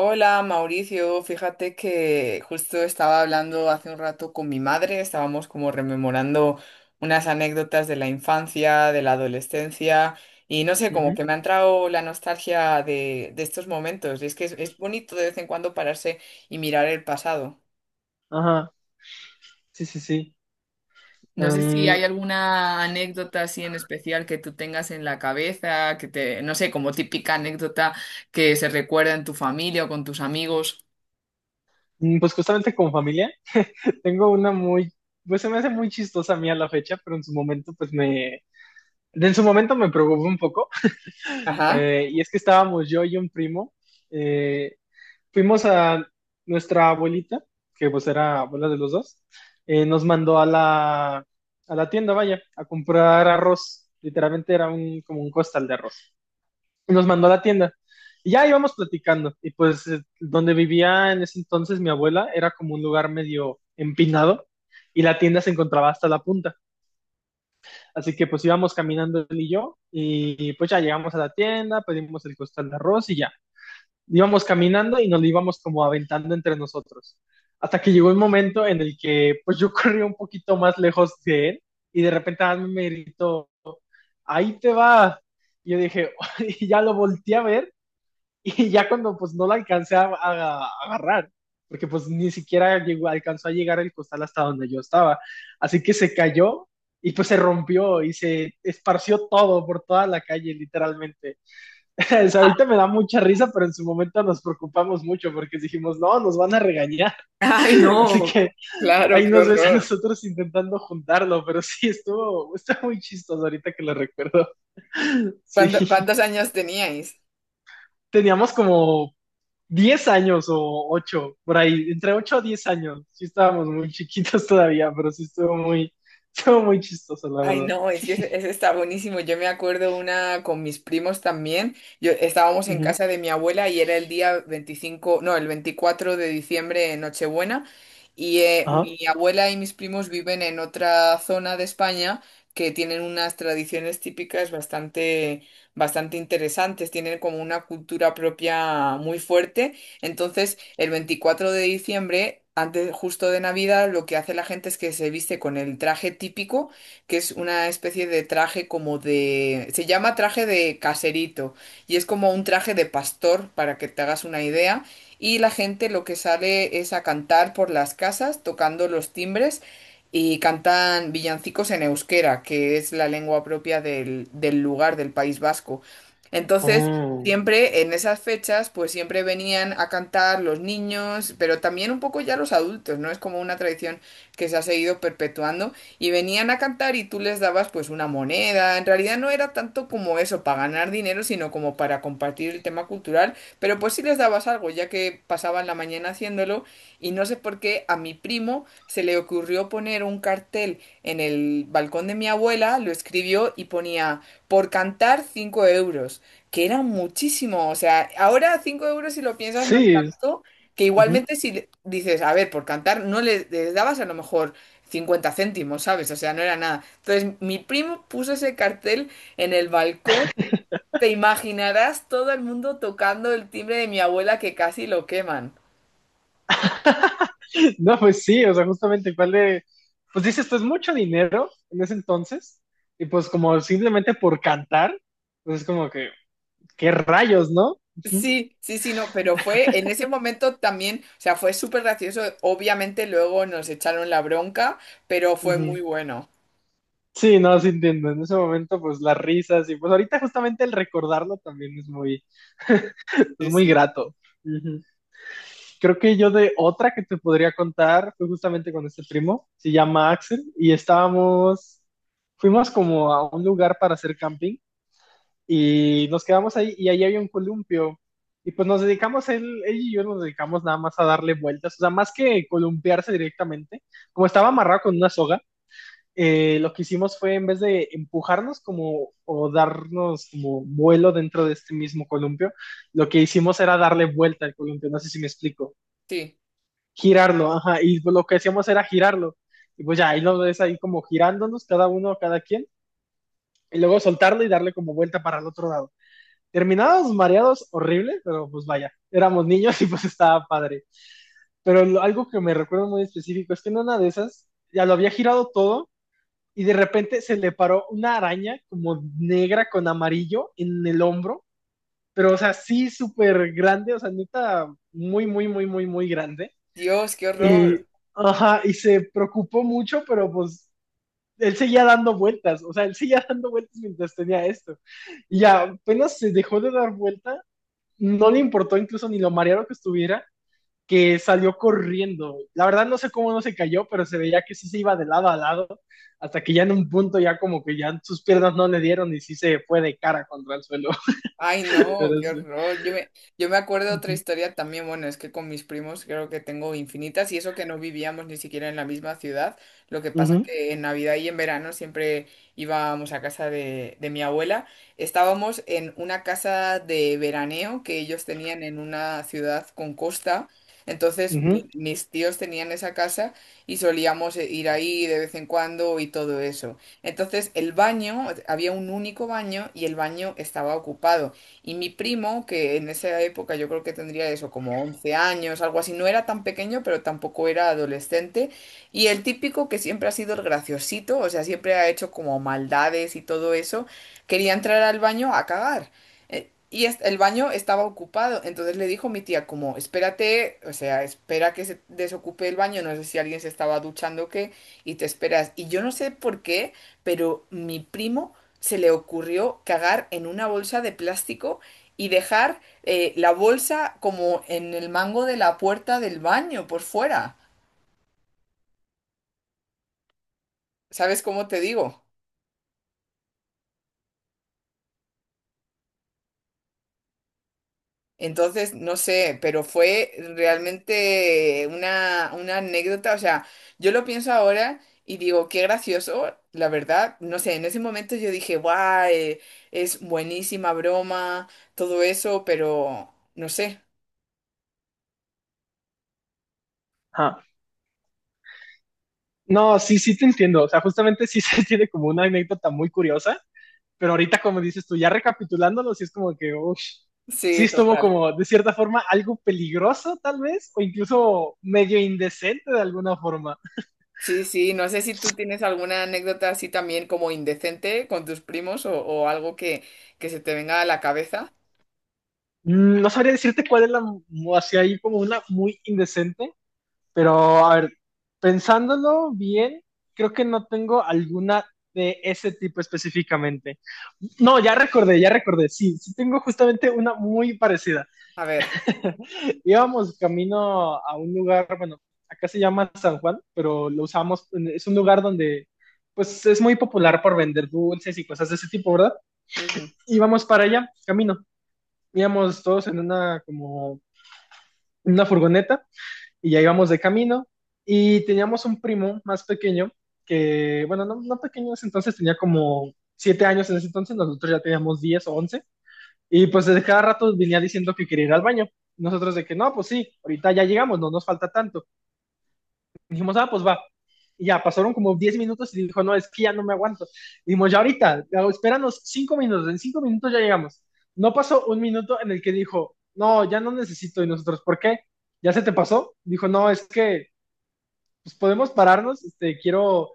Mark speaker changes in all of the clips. Speaker 1: Hola Mauricio, fíjate que justo estaba hablando hace un rato con mi madre. Estábamos como rememorando unas anécdotas de la infancia, de la adolescencia y no sé, como
Speaker 2: Ujú.
Speaker 1: que me ha entrado la nostalgia de estos momentos y es que es bonito de vez en cuando pararse y mirar el pasado.
Speaker 2: Ajá. Sí, sí, sí.
Speaker 1: No sé si
Speaker 2: Am,
Speaker 1: hay alguna anécdota así en especial que tú tengas en la cabeza, que te, no sé, como típica anécdota que se recuerda en tu familia o con tus amigos.
Speaker 2: pues justamente con familia, tengo una muy, pues se me hace muy chistosa a mí a la fecha, pero en su momento, en su momento me preocupó un poco.
Speaker 1: Ajá.
Speaker 2: Y es que estábamos yo y un primo, eh, fuimos a nuestra abuelita, que pues era abuela de los dos. Nos mandó a la tienda, vaya, a comprar arroz. Literalmente era un, como un costal de arroz, y nos mandó a la tienda. Y ya íbamos platicando. Y pues donde vivía en ese entonces mi abuela era como un lugar medio empinado y la tienda se encontraba hasta la punta. Así que pues íbamos caminando él y yo y pues ya llegamos a la tienda, pedimos el costal de arroz y ya. Íbamos caminando y nos lo íbamos como aventando entre nosotros, hasta que llegó el momento en el que pues yo corrí un poquito más lejos de él y de repente a mí me gritó, ahí te va. Y yo dije, y ya lo volteé a ver, y ya cuando pues no la alcancé a agarrar, porque pues ni siquiera llegó, alcanzó a llegar el costal hasta donde yo estaba. Así que se cayó y pues se rompió y se esparció todo por toda la calle, literalmente. O sea, ahorita me da mucha risa, pero en su momento nos preocupamos mucho porque dijimos, no, nos van a regañar.
Speaker 1: Ay,
Speaker 2: Así
Speaker 1: no,
Speaker 2: que
Speaker 1: claro,
Speaker 2: ahí
Speaker 1: qué
Speaker 2: nos ves a
Speaker 1: horror.
Speaker 2: nosotros intentando juntarlo, pero sí, estuvo, está muy chistoso ahorita que lo recuerdo. Sí,
Speaker 1: ¿Cuántos años teníais?
Speaker 2: teníamos como 10 años o 8 por ahí, entre 8 a 10 años. Sí estábamos muy chiquitos todavía, pero sí estuvo muy chistoso, la
Speaker 1: Ay,
Speaker 2: verdad.
Speaker 1: no, es que ese está buenísimo. Yo me acuerdo una con mis primos también. Yo estábamos en
Speaker 2: Ujú.
Speaker 1: casa de mi abuela y era el día 25, no, el 24 de diciembre, Nochebuena. Y
Speaker 2: Ajá.
Speaker 1: mi abuela y mis primos viven en otra zona de España, que tienen unas tradiciones típicas bastante, bastante interesantes. Tienen como una cultura propia muy fuerte. Entonces, el 24 de diciembre, antes justo de Navidad, lo que hace la gente es que se viste con el traje típico, que es una especie de traje como de... Se llama traje de caserito y es como un traje de pastor, para que te hagas una idea. Y la gente lo que sale es a cantar por las casas, tocando los timbres, y cantan villancicos en euskera, que es la lengua propia del lugar, del País Vasco. Entonces,
Speaker 2: Mm.
Speaker 1: siempre en esas fechas, pues siempre venían a cantar los niños, pero también un poco ya los adultos, ¿no? Es como una tradición que se ha seguido perpetuando y venían a cantar y tú les dabas pues una moneda. En realidad no era tanto como eso, para ganar dinero, sino como para compartir el tema cultural, pero pues sí les dabas algo, ya que pasaban la mañana haciéndolo, y no sé por qué a mi primo se le ocurrió poner un cartel en el balcón de mi abuela. Lo escribió y ponía: por cantar 5 euros, que era muchísimo. O sea, ahora 5 euros si lo piensas no es
Speaker 2: Sí.
Speaker 1: tanto, que
Speaker 2: Ujú.
Speaker 1: igualmente si dices, a ver, por cantar, no les dabas a lo mejor 50 céntimos, ¿sabes? O sea, no era nada. Entonces, mi primo puso ese cartel en el balcón. Te imaginarás, todo el mundo tocando el timbre de mi abuela que casi lo queman.
Speaker 2: No, pues sí, o sea, justamente cuál de, pues dices, esto es mucho dinero en ese entonces, y pues como simplemente por cantar, pues es como que, qué rayos, ¿no? Ujú,
Speaker 1: Sí, sí, sí, no, pero fue en ese momento también, o sea, fue súper gracioso. Obviamente luego nos echaron la bronca, pero fue
Speaker 2: ujú.
Speaker 1: muy bueno.
Speaker 2: Sí, no, sí entiendo, en ese momento pues las risas y pues ahorita justamente el recordarlo también es
Speaker 1: Sí,
Speaker 2: muy
Speaker 1: sí.
Speaker 2: grato. Ujú. Creo que yo de otra que te podría contar fue justamente con este primo, se llama Axel, y estábamos, fuimos como a un lugar para hacer camping y nos quedamos ahí y ahí había un columpio y pues nos dedicamos, él y yo nos dedicamos nada más a darle vueltas, o sea, más que columpiarse directamente, como estaba amarrado con una soga, lo que hicimos fue en vez de empujarnos como o darnos como vuelo dentro de este mismo columpio, lo que hicimos era darle vuelta al columpio, no sé si me explico,
Speaker 1: Sí.
Speaker 2: girarlo, ajá, y lo que hacíamos era girarlo, y pues ya, ahí lo ves ahí como girándonos cada uno, cada quien, y luego soltarlo y darle como vuelta para el otro lado. Terminados mareados, horrible, pero pues vaya, éramos niños y pues estaba padre. Pero algo que me recuerdo muy específico es que en una de esas ya lo había girado todo y de repente se le paró una araña como negra con amarillo en el hombro, pero o sea, sí súper grande, o sea, neta, muy, muy, muy, muy, muy grande.
Speaker 1: Dios, qué
Speaker 2: Y,
Speaker 1: horror.
Speaker 2: ajá, y se preocupó mucho, pero pues él seguía dando vueltas, o sea, él seguía dando vueltas mientras tenía esto. Y ya apenas se dejó de dar vuelta, no le importó incluso ni lo mareado que estuviera, que salió corriendo. La verdad no sé cómo no se cayó, pero se veía que sí se iba de lado a lado, hasta que ya en un punto ya como que ya sus piernas no le dieron y sí se fue de cara contra el suelo.
Speaker 1: Ay, no,
Speaker 2: Pero
Speaker 1: qué
Speaker 2: sí.
Speaker 1: horror. Yo me acuerdo de otra
Speaker 2: Ujú,
Speaker 1: historia también. Bueno, es que con mis primos creo que tengo infinitas, y eso que no vivíamos ni siquiera en la misma ciudad. Lo que pasa
Speaker 2: ujú,
Speaker 1: que en Navidad y en verano siempre íbamos a casa de mi abuela. Estábamos en una casa de veraneo que ellos tenían en una ciudad con costa. Entonces mi-
Speaker 2: ujú.
Speaker 1: mis tíos tenían esa casa y solíamos ir ahí de vez en cuando y todo eso. Entonces el baño, había un único baño y el baño estaba ocupado. Y mi primo, que en esa época yo creo que tendría eso, como 11 años, algo así, no era tan pequeño, pero tampoco era adolescente. Y el típico que siempre ha sido el graciosito, o sea, siempre ha hecho como maldades y todo eso, quería entrar al baño a cagar. El baño estaba ocupado, entonces le dijo mi tía como, espérate, o sea, espera que se desocupe el baño, no sé si alguien se estaba duchando o qué, y te esperas. Y yo no sé por qué, pero mi primo se le ocurrió cagar en una bolsa de plástico y dejar la bolsa como en el mango de la puerta del baño por fuera. ¿Sabes cómo te digo? Entonces, no sé, pero fue realmente una anécdota. O sea, yo lo pienso ahora y digo, qué gracioso, la verdad. No sé, en ese momento yo dije, guay, es buenísima broma, todo eso, pero no sé.
Speaker 2: Ah. No, sí, sí te entiendo. O sea, justamente sí se tiene como una anécdota muy curiosa, pero ahorita como dices tú, ya recapitulándolo, sí es como que, uff, sí
Speaker 1: Sí,
Speaker 2: estuvo
Speaker 1: total.
Speaker 2: como de cierta forma algo peligroso tal vez, o incluso medio indecente de alguna forma.
Speaker 1: Sí, sí, no sé si tú tienes alguna anécdota así también como indecente con tus primos o algo que se te venga a la cabeza.
Speaker 2: Mm. No sabría decirte cuál es la, así hay como una muy indecente, pero a ver, pensándolo bien, creo que no tengo alguna de ese tipo específicamente. No, ya recordé, sí, sí tengo justamente una muy parecida.
Speaker 1: A ver.
Speaker 2: Íbamos camino a un lugar, bueno, acá se llama San Juan, pero lo usamos, es un lugar donde pues es muy popular por vender dulces y cosas de ese tipo, ¿verdad?
Speaker 1: Ujú.
Speaker 2: Íbamos para allá, camino. Íbamos todos en una como una furgoneta y ya íbamos de camino y teníamos un primo más pequeño que, bueno, no, no pequeño en ese entonces, tenía como 7 años en ese entonces, nosotros ya teníamos 10 u 11, y pues de cada rato venía diciendo que quería ir al baño. Nosotros de que no, pues sí, ahorita ya llegamos, no nos falta tanto. Dijimos, ah, pues va. Y ya pasaron como 10 minutos y dijo, no, es que ya no me aguanto. Dijimos, ya ahorita, espéranos 5 minutos, en 5 minutos ya llegamos. No pasó un minuto en el que dijo, no, ya no necesito. Y nosotros, ¿por qué? ¿Ya se te pasó? Dijo, no, es que pues podemos pararnos, este, quiero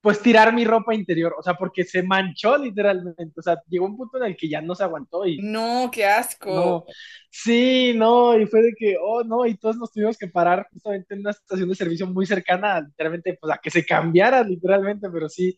Speaker 2: pues tirar mi ropa interior, o sea, porque se manchó literalmente, o sea, llegó un punto en el que ya no se aguantó y
Speaker 1: No, qué asco.
Speaker 2: no, sí, no, y fue de que, oh, no, y todos nos tuvimos que parar justamente en una estación de servicio muy cercana, literalmente, pues a que se cambiara, literalmente, pero sí,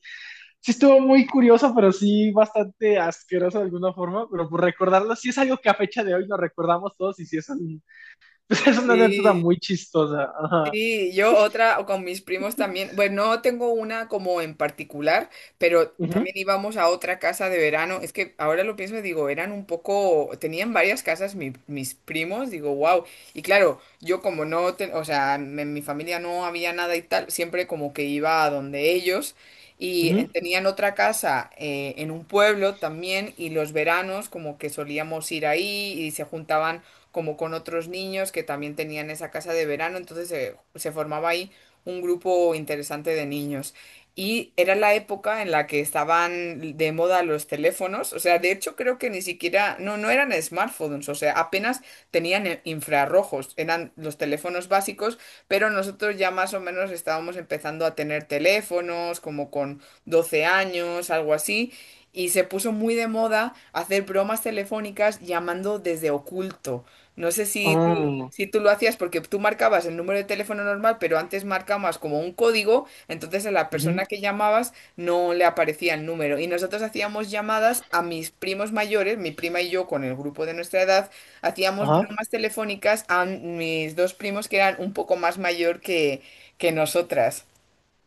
Speaker 2: sí estuvo muy curioso, pero sí bastante asqueroso de alguna forma, pero por recordarlo, sí es algo que a fecha de hoy nos recordamos todos y sí es, pues, es una anécdota
Speaker 1: Sí.
Speaker 2: muy chistosa. Ajá.
Speaker 1: Sí, yo otra, o con mis primos también. Bueno, no tengo una como en particular, pero
Speaker 2: Ujú,
Speaker 1: también íbamos a otra casa de verano. Es que ahora lo pienso y digo, eran un poco, tenían varias casas mis primos, digo, wow. Y claro, yo como no, o sea, en mi familia no había nada y tal, siempre como que iba a donde ellos. Y en-
Speaker 2: ujú.
Speaker 1: tenían otra casa en un pueblo también, y los veranos como que solíamos ir ahí y se juntaban como con otros niños que también tenían esa casa de verano, entonces se formaba ahí un grupo interesante de niños. Y era la época en la que estaban de moda los teléfonos. O sea, de hecho creo que ni siquiera, no, no eran smartphones, o sea, apenas tenían infrarrojos, eran los teléfonos básicos, pero nosotros ya más o menos estábamos empezando a tener teléfonos, como con 12 años, algo así, y se puso muy de moda hacer bromas telefónicas llamando desde oculto. No sé si tú,
Speaker 2: Oh,
Speaker 1: si tú lo hacías, porque tú marcabas el número de teléfono normal, pero antes marcabas como un código, entonces a la
Speaker 2: ujú.
Speaker 1: persona que llamabas no le aparecía el número. Y nosotros hacíamos llamadas a mis primos mayores, mi prima y yo con el grupo de nuestra edad, hacíamos
Speaker 2: Ajá,
Speaker 1: bromas telefónicas a mis dos primos que eran un poco más mayor que nosotras.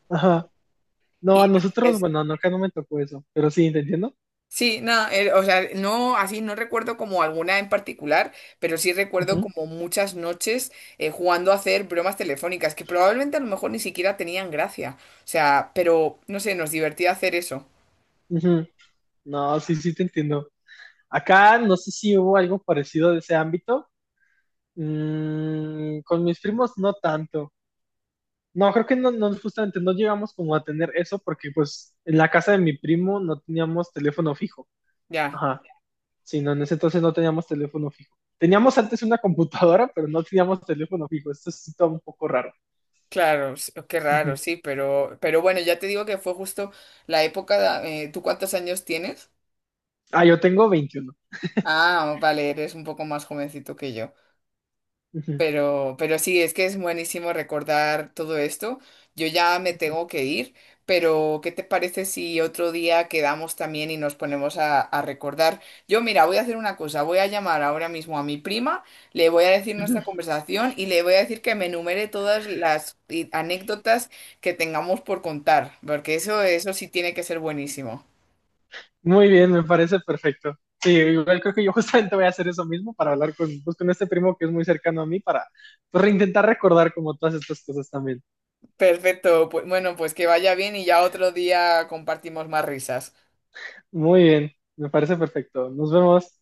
Speaker 2: ajá. No, a
Speaker 1: Y
Speaker 2: nosotros,
Speaker 1: es-
Speaker 2: bueno, no, acá no me tocó eso, pero sí, ¿te entiendo?
Speaker 1: sí, no, o sea, no, así no recuerdo como alguna en particular, pero sí recuerdo
Speaker 2: Ujú,
Speaker 1: como muchas noches jugando a hacer bromas telefónicas que probablemente a lo mejor ni siquiera tenían gracia. O sea, pero no sé, nos divertía hacer eso.
Speaker 2: ujú. No, sí, sí, te entiendo. Acá no sé si hubo algo parecido de ese ámbito. Mm, con mis primos no tanto. No, creo que no, no, justamente no llegamos como a tener eso porque pues en la casa de mi primo no teníamos teléfono fijo.
Speaker 1: Ya,
Speaker 2: Ajá. Sí, no, en ese entonces no teníamos teléfono fijo. Teníamos antes una computadora, pero no teníamos teléfono fijo. Esto es todo un poco raro.
Speaker 1: claro, s- qué raro,
Speaker 2: Ujú.
Speaker 1: sí, pero bueno, ya te digo que fue justo la época, ¿tú cuántos años tienes?
Speaker 2: Ah, yo tengo 21.
Speaker 1: Ah, vale, eres un poco más jovencito que yo. Pero sí, es que es buenísimo recordar todo esto. Yo ya me tengo que ir, pero ¿qué te parece si otro día quedamos también y nos ponemos a recordar? Yo, mira, voy a hacer una cosa, voy a llamar ahora mismo a mi prima, le voy a decir
Speaker 2: Ujú.
Speaker 1: nuestra conversación y le voy a decir que me enumere todas las anécdotas que tengamos por contar, porque eso sí tiene que ser buenísimo.
Speaker 2: Muy bien, me parece perfecto. Sí, igual creo que yo justamente voy a hacer eso mismo para hablar con, pues, con este primo que es muy cercano a mí para pues, intentar recordar como todas estas cosas también.
Speaker 1: Perfecto, pues bueno, pues que vaya bien y ya otro día compartimos más risas.
Speaker 2: Muy bien, me parece perfecto. Nos vemos.